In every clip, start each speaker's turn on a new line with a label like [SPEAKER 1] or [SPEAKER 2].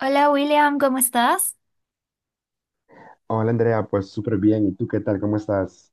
[SPEAKER 1] Hola William, ¿cómo estás?
[SPEAKER 2] Hola Andrea, pues súper bien. ¿Y tú qué tal? ¿Cómo estás?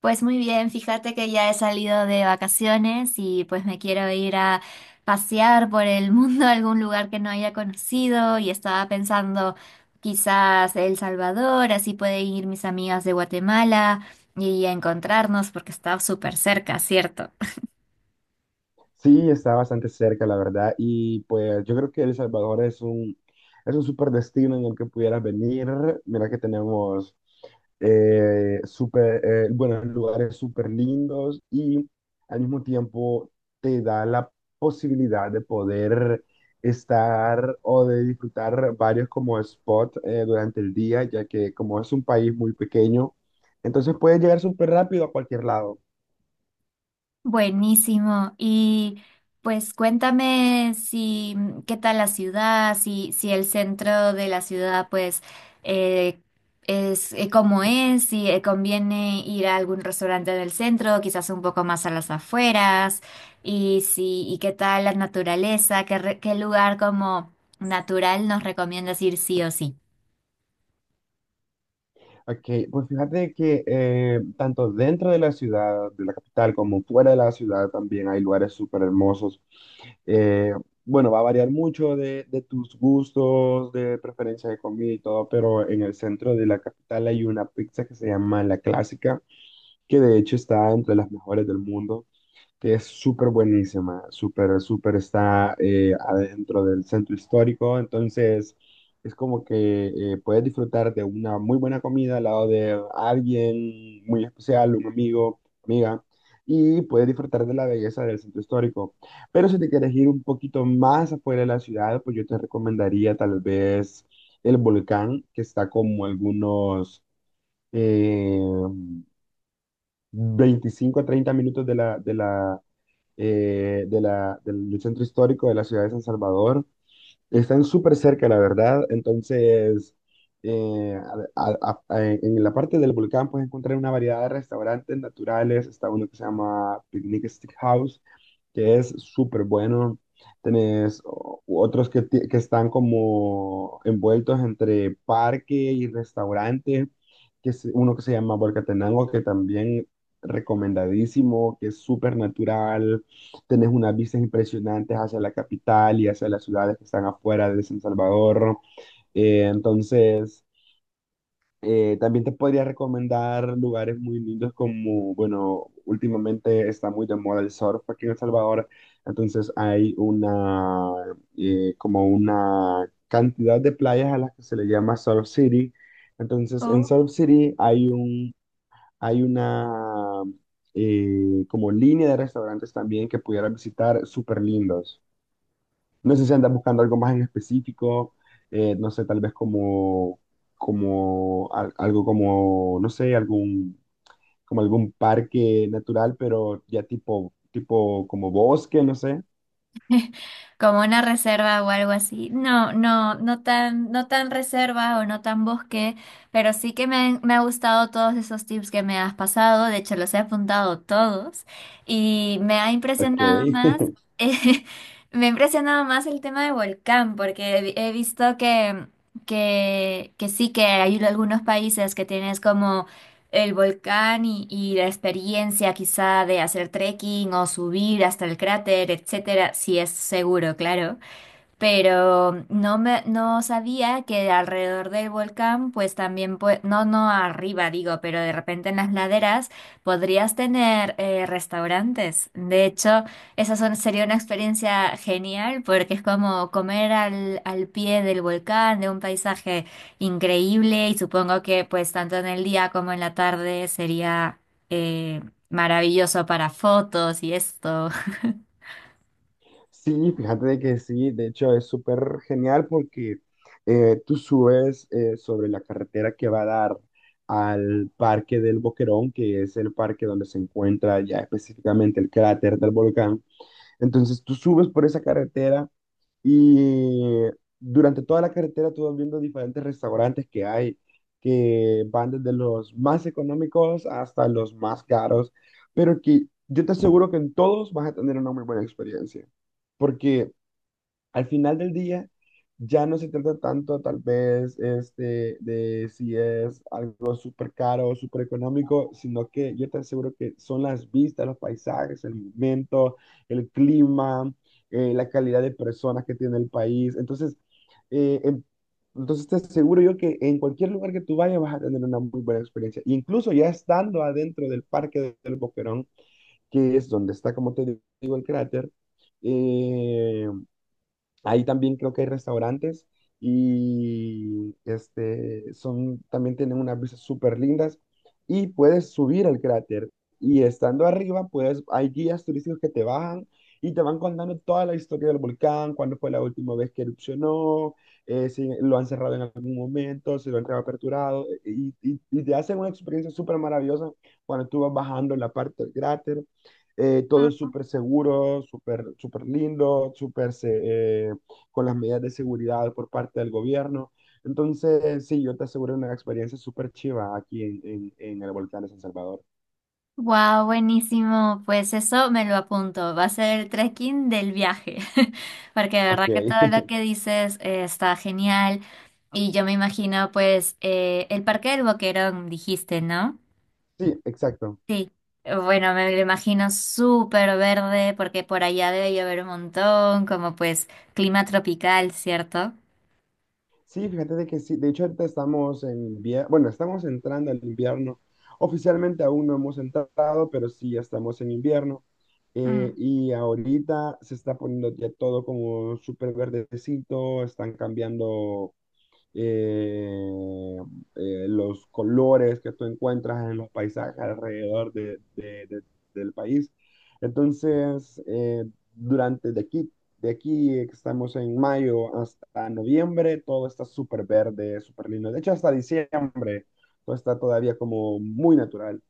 [SPEAKER 1] Pues muy bien, fíjate que ya he salido de vacaciones y pues me quiero ir a pasear por el mundo a algún lugar que no haya conocido y estaba pensando quizás El Salvador, así pueden ir mis amigas de Guatemala y encontrarnos porque está súper cerca, ¿cierto?
[SPEAKER 2] Sí, está bastante cerca, la verdad. Y pues yo creo que El Salvador es un súper destino en el que pudieras venir. Mira que tenemos súper, bueno, lugares súper lindos y al mismo tiempo te da la posibilidad de poder estar o de disfrutar varios como spots durante el día, ya que como es un país muy pequeño, entonces puedes llegar súper rápido a cualquier lado.
[SPEAKER 1] Buenísimo. Y pues cuéntame si mm, qué tal la ciudad, si el centro de la ciudad pues eh, es cómo es, si conviene ir a algún restaurante del centro, quizás un poco más a las afueras, y si, y qué tal la naturaleza, qué lugar como natural nos recomiendas ir sí o sí.
[SPEAKER 2] Ok, pues fíjate que tanto dentro de la ciudad, de la capital, como fuera de la ciudad también hay lugares súper hermosos. Eh, bueno, va a variar mucho de tus gustos, de preferencia de comida y todo, pero en el centro de la capital hay una pizza que se llama La Clásica, que de hecho está entre las mejores del mundo, que es súper buenísima, súper, súper está adentro del centro histórico, entonces es como que puedes disfrutar de una muy buena comida al lado de alguien muy especial, un amigo, amiga, y puedes disfrutar de la belleza del centro histórico. Pero si te quieres ir un poquito más afuera de la ciudad, pues yo te recomendaría tal vez el volcán, que está como algunos... eh, 25 a 30 minutos de la, de la, de la, del del centro histórico de la ciudad de San Salvador. Están súper cerca, la verdad. Entonces, eh, en la parte del volcán puedes encontrar una variedad de restaurantes naturales. Está uno que se llama Picnic Stick House, que es súper bueno. Tenés otros que están como envueltos entre parque y restaurante, que es uno que se llama Volcatenango, que también recomendadísimo, que es súper natural. Tenés unas vistas impresionantes hacia la capital y hacia las ciudades que están afuera de San Salvador. Entonces, también te podría recomendar lugares muy lindos como, bueno, últimamente está muy de moda el surf aquí en El Salvador. Entonces hay una, Como una cantidad de playas a las que se le llama Surf City. Entonces en
[SPEAKER 1] Oh.
[SPEAKER 2] Surf City hay un, hay una Como línea de restaurantes también que pudieras visitar súper lindos. No sé si andas buscando algo más en específico, no sé, tal vez algo como, no sé, como algún parque natural, pero ya tipo, tipo como bosque, no sé.
[SPEAKER 1] Como una reserva o algo así. No, no tan reserva o no tan bosque, pero sí que me ha gustado todos esos tips que me has pasado. De hecho, los he apuntado todos y me ha
[SPEAKER 2] Ok,
[SPEAKER 1] impresionado más. eh, Me ha impresionado más el tema de volcán, porque he visto que sí que hay algunos países que tienes como el volcán y la experiencia quizá de hacer trekking o subir hasta el cráter, etcétera, si es seguro, claro, pero no sabía que alrededor del volcán, pues también no arriba digo, pero de repente en las laderas podrías tener restaurantes. De hecho, sería una experiencia genial porque es como comer al pie del volcán, de un paisaje increíble, y supongo que pues tanto en el día como en la tarde sería eh, maravilloso para fotos y esto.
[SPEAKER 2] sí, fíjate de que sí, de hecho es súper genial porque tú subes sobre la carretera que va a dar al Parque del Boquerón, que es el parque donde se encuentra ya específicamente el cráter del volcán. Entonces tú subes por esa carretera y durante toda la carretera tú vas viendo diferentes restaurantes que hay, que van desde los más económicos hasta los más caros, pero que yo te aseguro que en todos vas a tener una muy buena experiencia, porque al final del día ya no se trata tanto tal vez este, de si es algo súper caro o súper económico, sino que yo te aseguro que son las vistas, los paisajes, el momento, el clima, la calidad de personas que tiene el país. Entonces, eh, en- entonces te aseguro yo que en cualquier lugar que tú vayas vas a tener una muy buena experiencia. Incluso ya estando adentro del Parque del Boquerón, que es donde está, como te digo, el cráter, eh, ahí también creo que hay restaurantes y este, son, también tienen unas vistas súper lindas y puedes subir al cráter y estando arriba, pues hay guías turísticos que te bajan y te van contando toda la historia del volcán, cuándo fue la última vez que erupcionó, si lo han cerrado en algún momento, si lo han reaperturado y te hacen una experiencia súper maravillosa cuando tú vas bajando la parte del cráter. Todo es súper seguro, súper súper lindo, eh, con las medidas de seguridad por parte del gobierno. Entonces, sí, yo te aseguro una experiencia súper chiva aquí en el volcán de San Salvador.
[SPEAKER 1] Wow, buenísimo. Pues eso me lo apunto. Va a ser el trekking del viaje. Porque de
[SPEAKER 2] Ok,
[SPEAKER 1] verdad que todo lo que dices, está genial. Y yo me imagino, pues, el Parque del Boquerón, dijiste, ¿no?
[SPEAKER 2] sí, exacto.
[SPEAKER 1] Sí. Bueno, me lo imagino súper verde, porque por allá debe llover un montón, como pues clima tropical, ¿cierto?
[SPEAKER 2] Sí, fíjate de que sí, de hecho ahorita estamos en invierno, bueno, estamos entrando al invierno. Oficialmente aún no hemos entrado, pero sí ya estamos en invierno. Y ahorita se está poniendo ya todo como súper verdecito, están cambiando eh, los colores que tú encuentras en los paisajes alrededor del país. Entonces, durante de aquí, de aquí que estamos en mayo hasta noviembre, todo está súper verde, súper lindo. De hecho, hasta diciembre, todo está todavía como muy natural.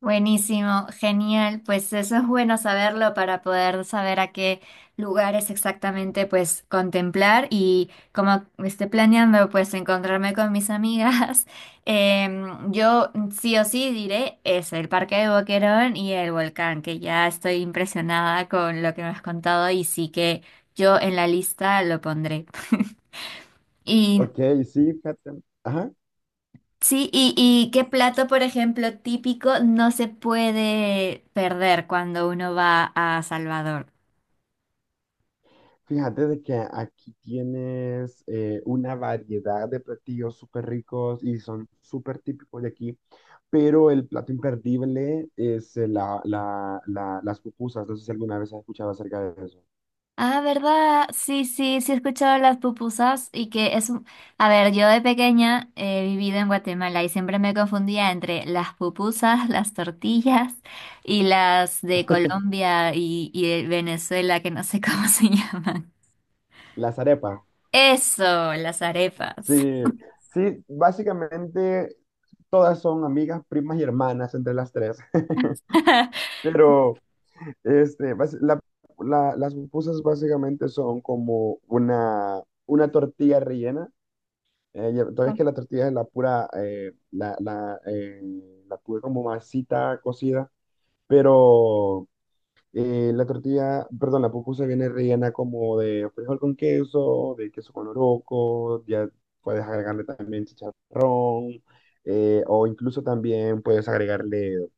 [SPEAKER 1] Buenísimo, genial. Pues eso es bueno saberlo para poder saber a qué lugares exactamente pues contemplar y como esté planeando pues encontrarme con mis amigas, yo sí o sí diré es el Parque de Boquerón y el volcán, que ya estoy impresionada con lo que me has contado y sí que yo en la lista lo pondré. Y
[SPEAKER 2] Ok, sí, fíjate. Ajá.
[SPEAKER 1] sí, y qué plato, por ejemplo, típico no se puede perder cuando uno va a Salvador.
[SPEAKER 2] Fíjate de que aquí tienes una variedad de platillos súper ricos y son súper típicos de aquí, pero el plato imperdible es las pupusas. No sé si alguna vez has escuchado acerca de eso.
[SPEAKER 1] Ah, ¿verdad? Sí, sí, sí, he escuchado las pupusas y que es un... A ver, yo de pequeña he vivido en Guatemala y siempre me confundía entre las pupusas, las tortillas y las de Colombia y de Venezuela, que no sé cómo se llaman.
[SPEAKER 2] Las arepas.
[SPEAKER 1] Eso, las arepas.
[SPEAKER 2] Sí, sí, básicamente todas son amigas, primas y hermanas entre las tres, pero este, bas- la- las pupusas básicamente son como una tortilla rellena. Todavía es que la tortilla es la pura, la pura como masita cocida, pero la pupusa viene rellena como de frijol con queso, de queso con loroco, ya puedes agregarle también chicharrón, o incluso también puedes agregarle,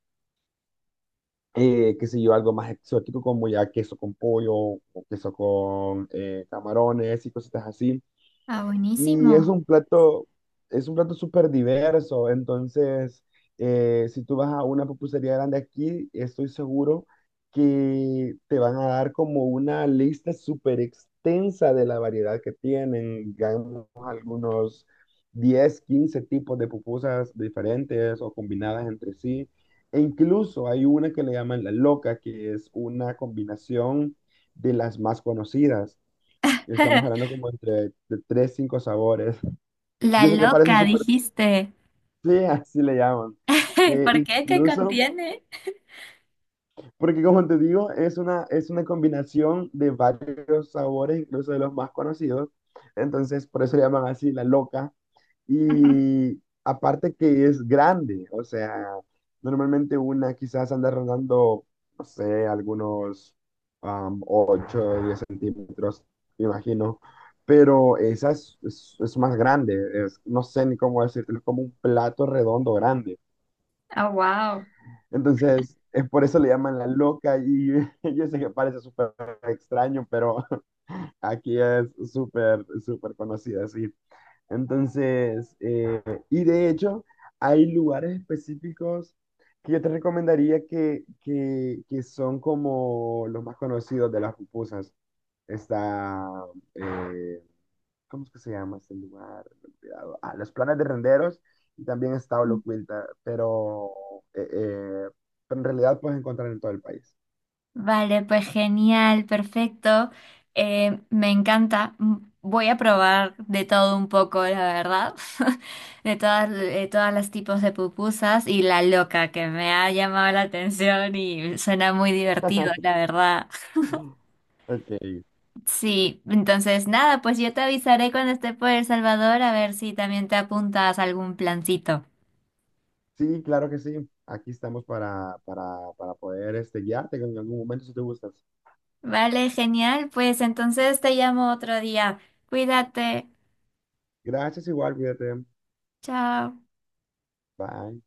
[SPEAKER 2] qué sé yo, algo más exótico como ya queso con pollo o queso con camarones y cositas así.
[SPEAKER 1] Ah,
[SPEAKER 2] Y
[SPEAKER 1] buenísimo.
[SPEAKER 2] es un plato súper diverso. Entonces, si tú vas a una pupusería grande aquí, estoy seguro que te van a dar como una lista súper extensa de la variedad que tienen. Digamos, algunos 10 15 tipos de pupusas diferentes o combinadas entre sí. E incluso hay una que le llaman la loca, que es una combinación de las más conocidas. Y estamos hablando como entre de 3, 5 sabores.
[SPEAKER 1] La
[SPEAKER 2] Yo sé que parece
[SPEAKER 1] loca,
[SPEAKER 2] súper
[SPEAKER 1] dijiste.
[SPEAKER 2] sí, así le llaman. Que
[SPEAKER 1] ¿Por qué? ¿Qué
[SPEAKER 2] incluso,
[SPEAKER 1] contiene?
[SPEAKER 2] porque como te digo, es una combinación de varios sabores, incluso de los más conocidos. Entonces, por eso le llaman así la loca. Y aparte que es grande, o sea, normalmente una quizás anda rondando, no sé, algunos 8 o 10 centímetros, me imagino. Pero esa es, es más grande, no sé ni cómo decirlo, es como un plato redondo grande.
[SPEAKER 1] Ah, wow.
[SPEAKER 2] Entonces, es por eso le llaman la loca y yo sé que parece súper extraño, pero aquí es súper, súper conocida, sí. Entonces, y de hecho, hay lugares específicos que yo te recomendaría que son como los más conocidos de las pupusas. Está eh, ¿cómo es que se llama este lugar? Me he olvidado. Ah, los planes de renderos y también está Holocuilta, eh, eh, pero en realidad puedes encontrar en todo el país.
[SPEAKER 1] Vale, pues genial, perfecto. Me encanta. M- voy a probar de todo un poco, la verdad. De todas las tipos de pupusas y la loca que me ha llamado la atención y suena muy divertido, la verdad.
[SPEAKER 2] Ok.
[SPEAKER 1] Sí, entonces nada, pues yo te avisaré cuando esté por El Salvador a ver si también te apuntas a algún plancito.
[SPEAKER 2] Sí, claro que sí. Aquí estamos para poder este, guiarte en algún momento si te gustas.
[SPEAKER 1] Vale, genial. Pues entonces te llamo otro día. Cuídate.
[SPEAKER 2] Gracias, igual, cuídate.
[SPEAKER 1] Chao.
[SPEAKER 2] Bye.